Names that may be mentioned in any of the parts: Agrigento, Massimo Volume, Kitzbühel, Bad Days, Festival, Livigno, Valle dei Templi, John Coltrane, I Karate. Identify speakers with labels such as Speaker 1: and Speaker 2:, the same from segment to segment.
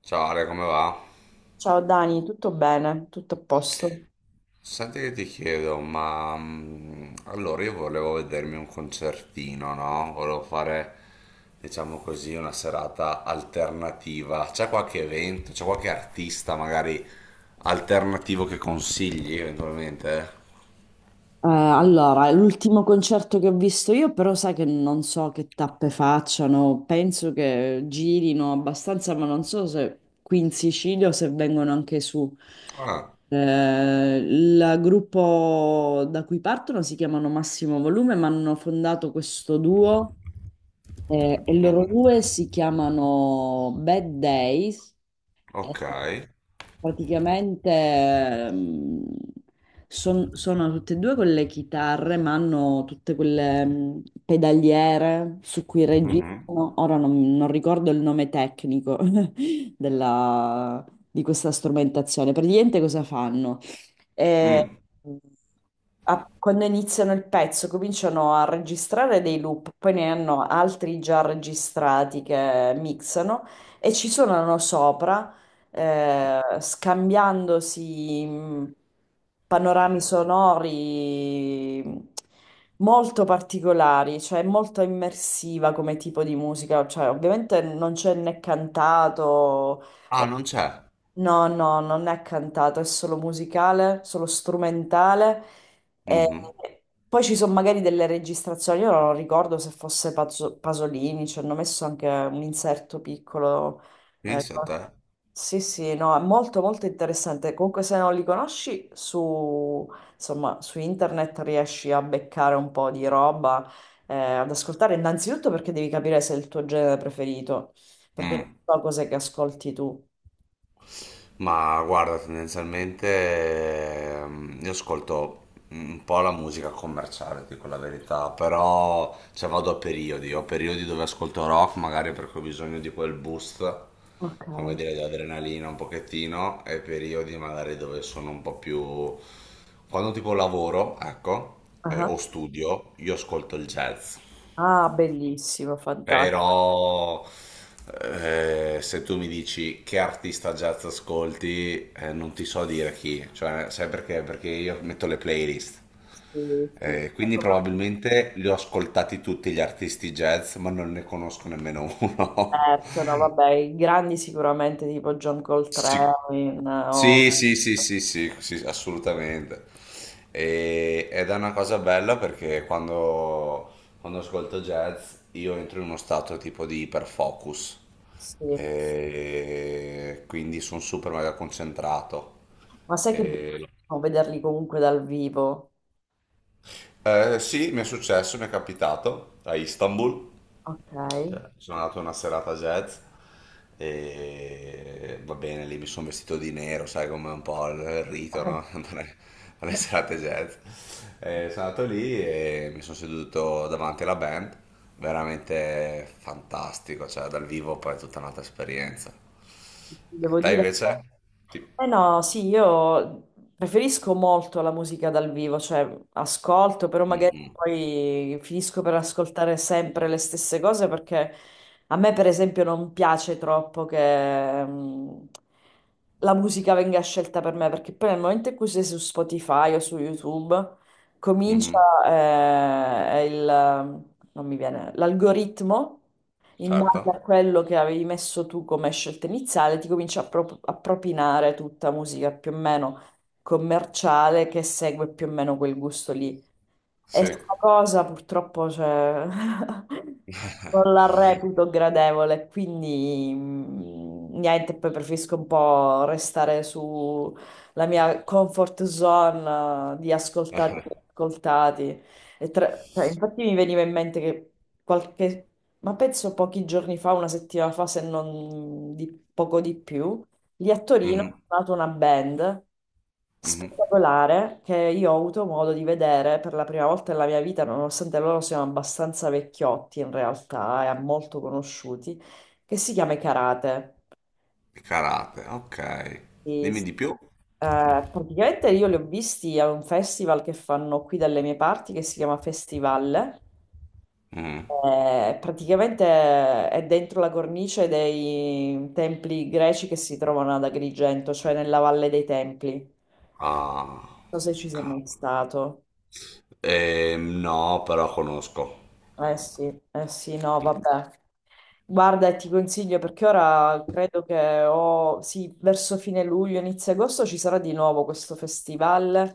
Speaker 1: Ciao Ale, come va?
Speaker 2: Ciao Dani, tutto bene? Tutto a posto?
Speaker 1: Senti che ti chiedo, ma allora io volevo vedermi un concertino, no? Volevo fare, diciamo così, una serata alternativa. C'è qualche evento, c'è qualche artista magari alternativo che consigli eventualmente?
Speaker 2: Allora, l'ultimo concerto che ho visto io, però sai che non so che tappe facciano, penso che girino abbastanza, ma non so se qui in Sicilia o se vengono anche su.
Speaker 1: Ah,
Speaker 2: Il gruppo da cui partono si chiamano Massimo Volume, ma hanno fondato questo duo, e loro
Speaker 1: mhm,
Speaker 2: due si chiamano Bad Days. eh,
Speaker 1: ok.
Speaker 2: Praticamente sono tutte e due con le chitarre, ma hanno tutte quelle, pedaliere su cui
Speaker 1: Mhm,
Speaker 2: registrano. Ora non ricordo il nome tecnico della- di questa strumentazione. Praticamente cosa fanno? Eh,
Speaker 1: mm.
Speaker 2: Quando iniziano il pezzo cominciano a registrare dei loop, poi ne hanno altri già registrati che mixano e ci suonano sopra, scambiandosi panorami sonori molto particolari, cioè molto immersiva come tipo di musica, cioè ovviamente non c'è né cantato.
Speaker 1: Ah, non c'è.
Speaker 2: No, no, non è cantato, è solo musicale, solo strumentale. E
Speaker 1: Mhm.
Speaker 2: poi ci sono magari delle registrazioni, io non ricordo se fosse Pasolini, ci hanno messo anche un inserto piccolo. eh,
Speaker 1: Pensa a te.
Speaker 2: sì, sì, no, è molto molto interessante. Comunque se non li conosci su, insomma, su internet riesci a beccare un po' di roba, ad ascoltare, innanzitutto perché devi capire se è il tuo genere preferito, perché non
Speaker 1: Mm.
Speaker 2: so cos'è che ascolti tu.
Speaker 1: Ma guarda, tendenzialmente io ascolto un po' la musica commerciale, dico la verità, però cioè, vado a periodi, ho periodi dove ascolto rock, magari perché ho bisogno di quel boost,
Speaker 2: Ok.
Speaker 1: come dire, di adrenalina un pochettino, e periodi magari dove sono un po' più... Quando tipo lavoro, ecco,
Speaker 2: Ah,
Speaker 1: o studio, io ascolto il jazz.
Speaker 2: ah, bellissimo, fantastico.
Speaker 1: Però se tu mi dici che artista jazz ascolti, non ti so dire chi, cioè, sai perché? Perché io metto le playlist.
Speaker 2: Sì, sì.
Speaker 1: Quindi probabilmente li ho ascoltati tutti gli artisti jazz, ma non ne conosco nemmeno uno.
Speaker 2: Certo, no, vabbè, i grandi sicuramente tipo John Coltrane,
Speaker 1: Sì.
Speaker 2: o-
Speaker 1: Sì, sì, sì, sì, sì, sì, assolutamente. Ed è una cosa bella perché quando ascolto jazz io entro in uno stato tipo di iperfocus
Speaker 2: sì.
Speaker 1: e quindi sono super mega concentrato.
Speaker 2: Ma sai che è
Speaker 1: E-
Speaker 2: bellissimo vederli comunque dal vivo?
Speaker 1: eh, sì, mi è successo, mi è capitato a Istanbul.
Speaker 2: Ok.
Speaker 1: Cioè, sono andato a una serata jazz e va bene, lì mi sono vestito di nero, sai come è un po' il rito, no? Andare alle serate jazz. E sono andato lì e mi sono seduto davanti alla band, veramente fantastico, cioè dal vivo poi è tutta un'altra esperienza.
Speaker 2: Devo
Speaker 1: Te
Speaker 2: dire.
Speaker 1: invece? Ti-
Speaker 2: Eh no, sì, io preferisco molto la musica dal vivo, cioè ascolto, però magari
Speaker 1: Mhm,
Speaker 2: poi finisco per ascoltare sempre le stesse cose perché a me, per esempio, non piace troppo che, la musica venga scelta per me, perché poi nel momento in cui sei su Spotify o su YouTube, comincia,
Speaker 1: mhm,
Speaker 2: non mi viene, l'algoritmo in base a
Speaker 1: certo,
Speaker 2: quello che avevi messo tu come scelta iniziale, ti comincia a propinare tutta musica più o meno commerciale che segue più o meno quel gusto lì. E
Speaker 1: sì.
Speaker 2: sta cosa purtroppo, cioè, non la reputo gradevole, quindi, niente, poi preferisco un po' restare sulla mia comfort zone, di ascoltati, ascoltati. E cioè, infatti mi veniva in mente che qualche, ma penso pochi giorni fa, una settimana fa, se non di poco di più, lì a Torino ho
Speaker 1: Mhm,
Speaker 2: suonato una band
Speaker 1: mhm.
Speaker 2: spettacolare che io ho avuto modo di vedere per la prima volta nella mia vita, nonostante loro siano abbastanza vecchiotti in realtà e molto conosciuti, che si chiama I Karate.
Speaker 1: Karate, ok.
Speaker 2: Sì,
Speaker 1: Dimmi
Speaker 2: sì.
Speaker 1: di più.
Speaker 2: Praticamente io li ho visti a un festival che fanno qui dalle mie parti che si chiama Festival.
Speaker 1: Mhm.
Speaker 2: Praticamente è dentro la cornice dei templi greci che si trovano ad Agrigento, cioè nella Valle dei Templi. Non
Speaker 1: Ah,
Speaker 2: so se ci sei mai
Speaker 1: cavolo.
Speaker 2: stato.
Speaker 1: No, però conosco.
Speaker 2: Eh sì, eh sì, no, vabbè. Guarda, e ti consiglio perché ora credo che o sì, verso fine luglio, inizio agosto ci sarà di nuovo questo festival.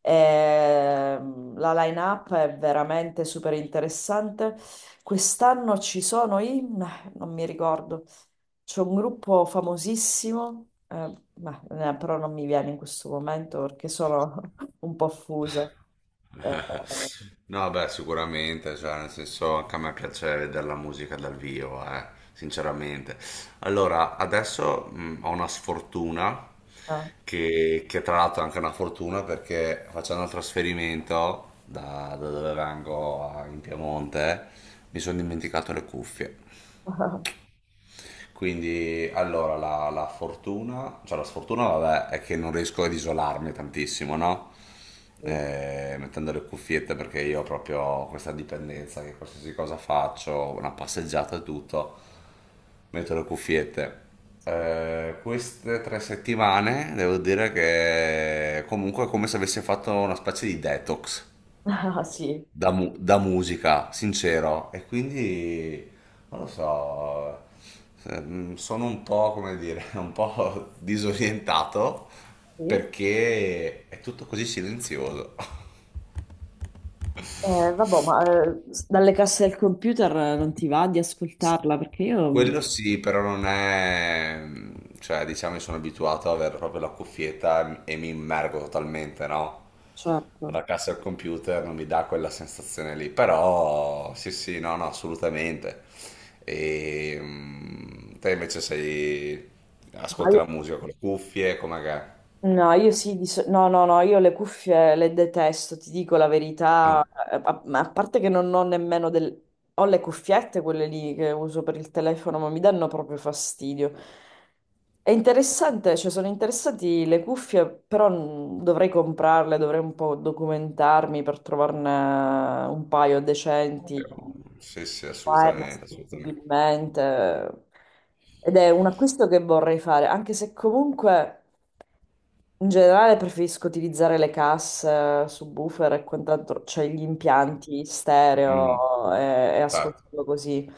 Speaker 2: La line-up è veramente super interessante. Quest'anno ci sono i... meh, non mi ricordo. C'è un gruppo famosissimo, meh, però non mi viene in questo momento perché sono un po' fusa. Eh,
Speaker 1: No, beh, sicuramente, cioè, nel senso, anche a me piace vedere la musica dal vivo, sinceramente. Allora, adesso ho una sfortuna,
Speaker 2: ah,
Speaker 1: che tra l'altro è anche una fortuna perché facendo il trasferimento da, da dove vengo in Piemonte, mi sono dimenticato le cuffie. Quindi, allora, la fortuna, cioè la sfortuna, vabbè, è che non riesco ad isolarmi tantissimo, no?
Speaker 2: sì.
Speaker 1: Mettendo le cuffiette perché io ho proprio questa dipendenza che qualsiasi cosa faccio, una passeggiata e tutto, metto le cuffiette.
Speaker 2: Sì.
Speaker 1: Queste tre settimane devo dire che comunque è come se avessi fatto una specie di detox
Speaker 2: Ah, sì.
Speaker 1: da, da musica, sincero. E quindi, non lo so, sono un po', come dire, un po' disorientato
Speaker 2: Sì.
Speaker 1: perché è tutto così silenzioso.
Speaker 2: Vabbè, ma, dalle casse del computer, non ti va di ascoltarla perché
Speaker 1: Quello sì, però non è... mm, cioè diciamo che sono abituato ad avere proprio la cuffietta e mi immergo totalmente, no?
Speaker 2: certo,
Speaker 1: La cassa al computer non mi dà quella sensazione lì, però sì sì, no, no, assolutamente. E mm, te invece sei...
Speaker 2: ma
Speaker 1: ascolti la
Speaker 2: io
Speaker 1: musica con le cuffie, com'è che è?
Speaker 2: no, io sì, no, no, no, io le cuffie le detesto, ti dico la
Speaker 1: Ah,
Speaker 2: verità. A parte che non ho nemmeno del... Ho le cuffiette, quelle lì che uso per il telefono, ma mi danno proprio fastidio. È interessante, cioè sono interessanti le cuffie, però, dovrei comprarle, dovrei un po' documentarmi per trovarne un paio decenti,
Speaker 1: io- sì sì,
Speaker 2: wireless
Speaker 1: assolutamente, assolutamente.
Speaker 2: possibilmente. Ed è un acquisto che vorrei fare, anche se comunque... In generale preferisco utilizzare le casse, subwoofer e quant'altro, cioè gli impianti
Speaker 1: Mm,
Speaker 2: stereo e
Speaker 1: certo,
Speaker 2: ascoltarlo così.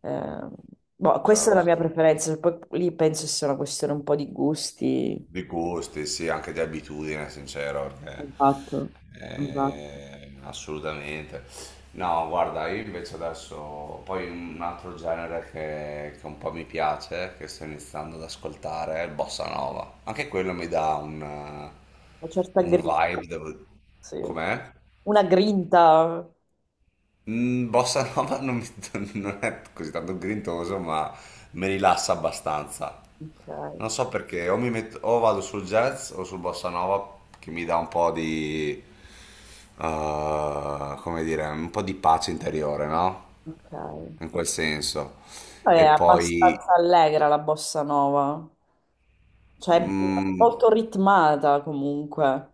Speaker 2: Eh, Boh, questa è
Speaker 1: certo,
Speaker 2: la mia
Speaker 1: certo.
Speaker 2: preferenza, cioè, poi lì penso sia una questione un po' di gusti.
Speaker 1: Di gusti, sì, anche di abitudine, sincero, perché,
Speaker 2: Esatto, esatto.
Speaker 1: assolutamente. No, guarda, io invece adesso, poi un altro genere che un po' mi piace, che sto iniziando ad ascoltare, è il bossa nova. Anche quello mi dà
Speaker 2: Una certa
Speaker 1: un
Speaker 2: grinta,
Speaker 1: vibe, devo...
Speaker 2: sì.
Speaker 1: Com'è?
Speaker 2: Una grinta.
Speaker 1: Mm, bossa nova non, non è così tanto grintoso, ma mi rilassa abbastanza.
Speaker 2: Ok,
Speaker 1: Non so perché, o, mi metto, o vado sul jazz o sul bossa nova che mi dà un po' di, come dire, un po' di pace interiore, no?
Speaker 2: ok.
Speaker 1: In quel senso.
Speaker 2: È
Speaker 1: E
Speaker 2: abbastanza
Speaker 1: poi,
Speaker 2: allegra la bossa nova, cioè è
Speaker 1: mm,
Speaker 2: molto ritmata comunque.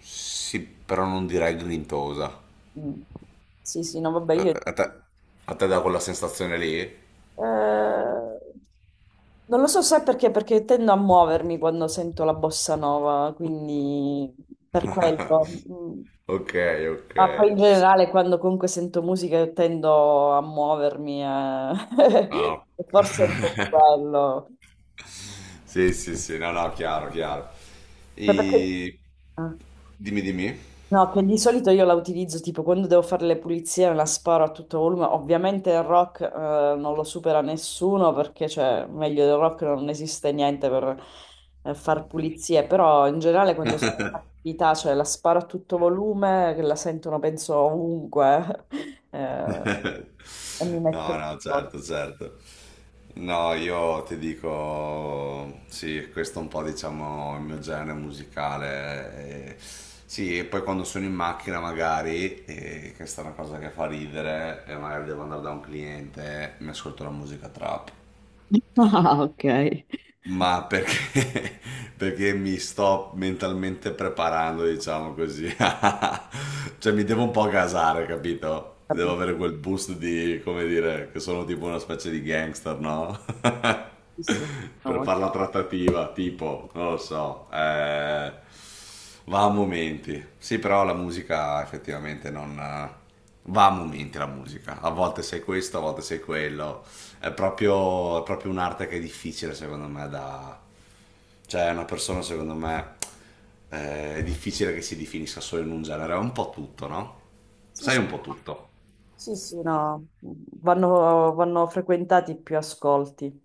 Speaker 1: sì, però non direi grintosa.
Speaker 2: Mm. Sì, sì, no, vabbè,
Speaker 1: A
Speaker 2: io...
Speaker 1: te, a te- a te dà quella sensazione lì?
Speaker 2: eh, non lo so se perché, perché tendo a muovermi quando sento la bossa nova, quindi per quello. Mm.
Speaker 1: Ok, ok.
Speaker 2: Ma poi in generale quando comunque sento musica io tendo a muovermi, eh.
Speaker 1: No.
Speaker 2: E forse è un po' quello.
Speaker 1: Sì, sì, sì, no, no, chiaro, chiaro.
Speaker 2: Ma Perché...
Speaker 1: E...
Speaker 2: ah.
Speaker 1: Dimmi, dimmi.
Speaker 2: No, che di solito io la utilizzo tipo quando devo fare le pulizie, me la sparo a tutto volume. Ovviamente il rock, non lo supera nessuno perché, cioè, meglio del rock non esiste niente per, far pulizie, però in generale quando sono in attività, cioè la sparo a tutto volume, che la sentono penso ovunque. eh, e mi metto
Speaker 1: No,
Speaker 2: in
Speaker 1: no,
Speaker 2: modo.
Speaker 1: certo, certo. No, io ti dico, sì, questo è un po', diciamo, il mio genere musicale. Eh, sì, e poi quando sono in macchina magari, questa è una cosa che fa ridere, e magari devo andare da un cliente, mi ascolto la musica trap.
Speaker 2: Ah, ok.
Speaker 1: Ma perché, perché mi sto mentalmente preparando, diciamo così. Cioè mi devo un po' gasare, capito? Devo
Speaker 2: Capisci?
Speaker 1: avere quel boost di, come dire, che sono tipo una specie di gangster, no?
Speaker 2: Sì, sì.
Speaker 1: Per
Speaker 2: No,
Speaker 1: fare la trattativa, tipo, non lo so. Eh. Va a momenti. Sì, però la musica effettivamente non... va a momenti la musica. A volte sei questo, a volte sei quello. È proprio un'arte che è difficile secondo me da... Cioè, una persona secondo me è difficile che si definisca solo in un genere. È un po' tutto, no?
Speaker 2: sì,
Speaker 1: Sai
Speaker 2: sì.
Speaker 1: un po' tutto.
Speaker 2: Sì, sì, no, vanno, vanno frequentati più ascolti.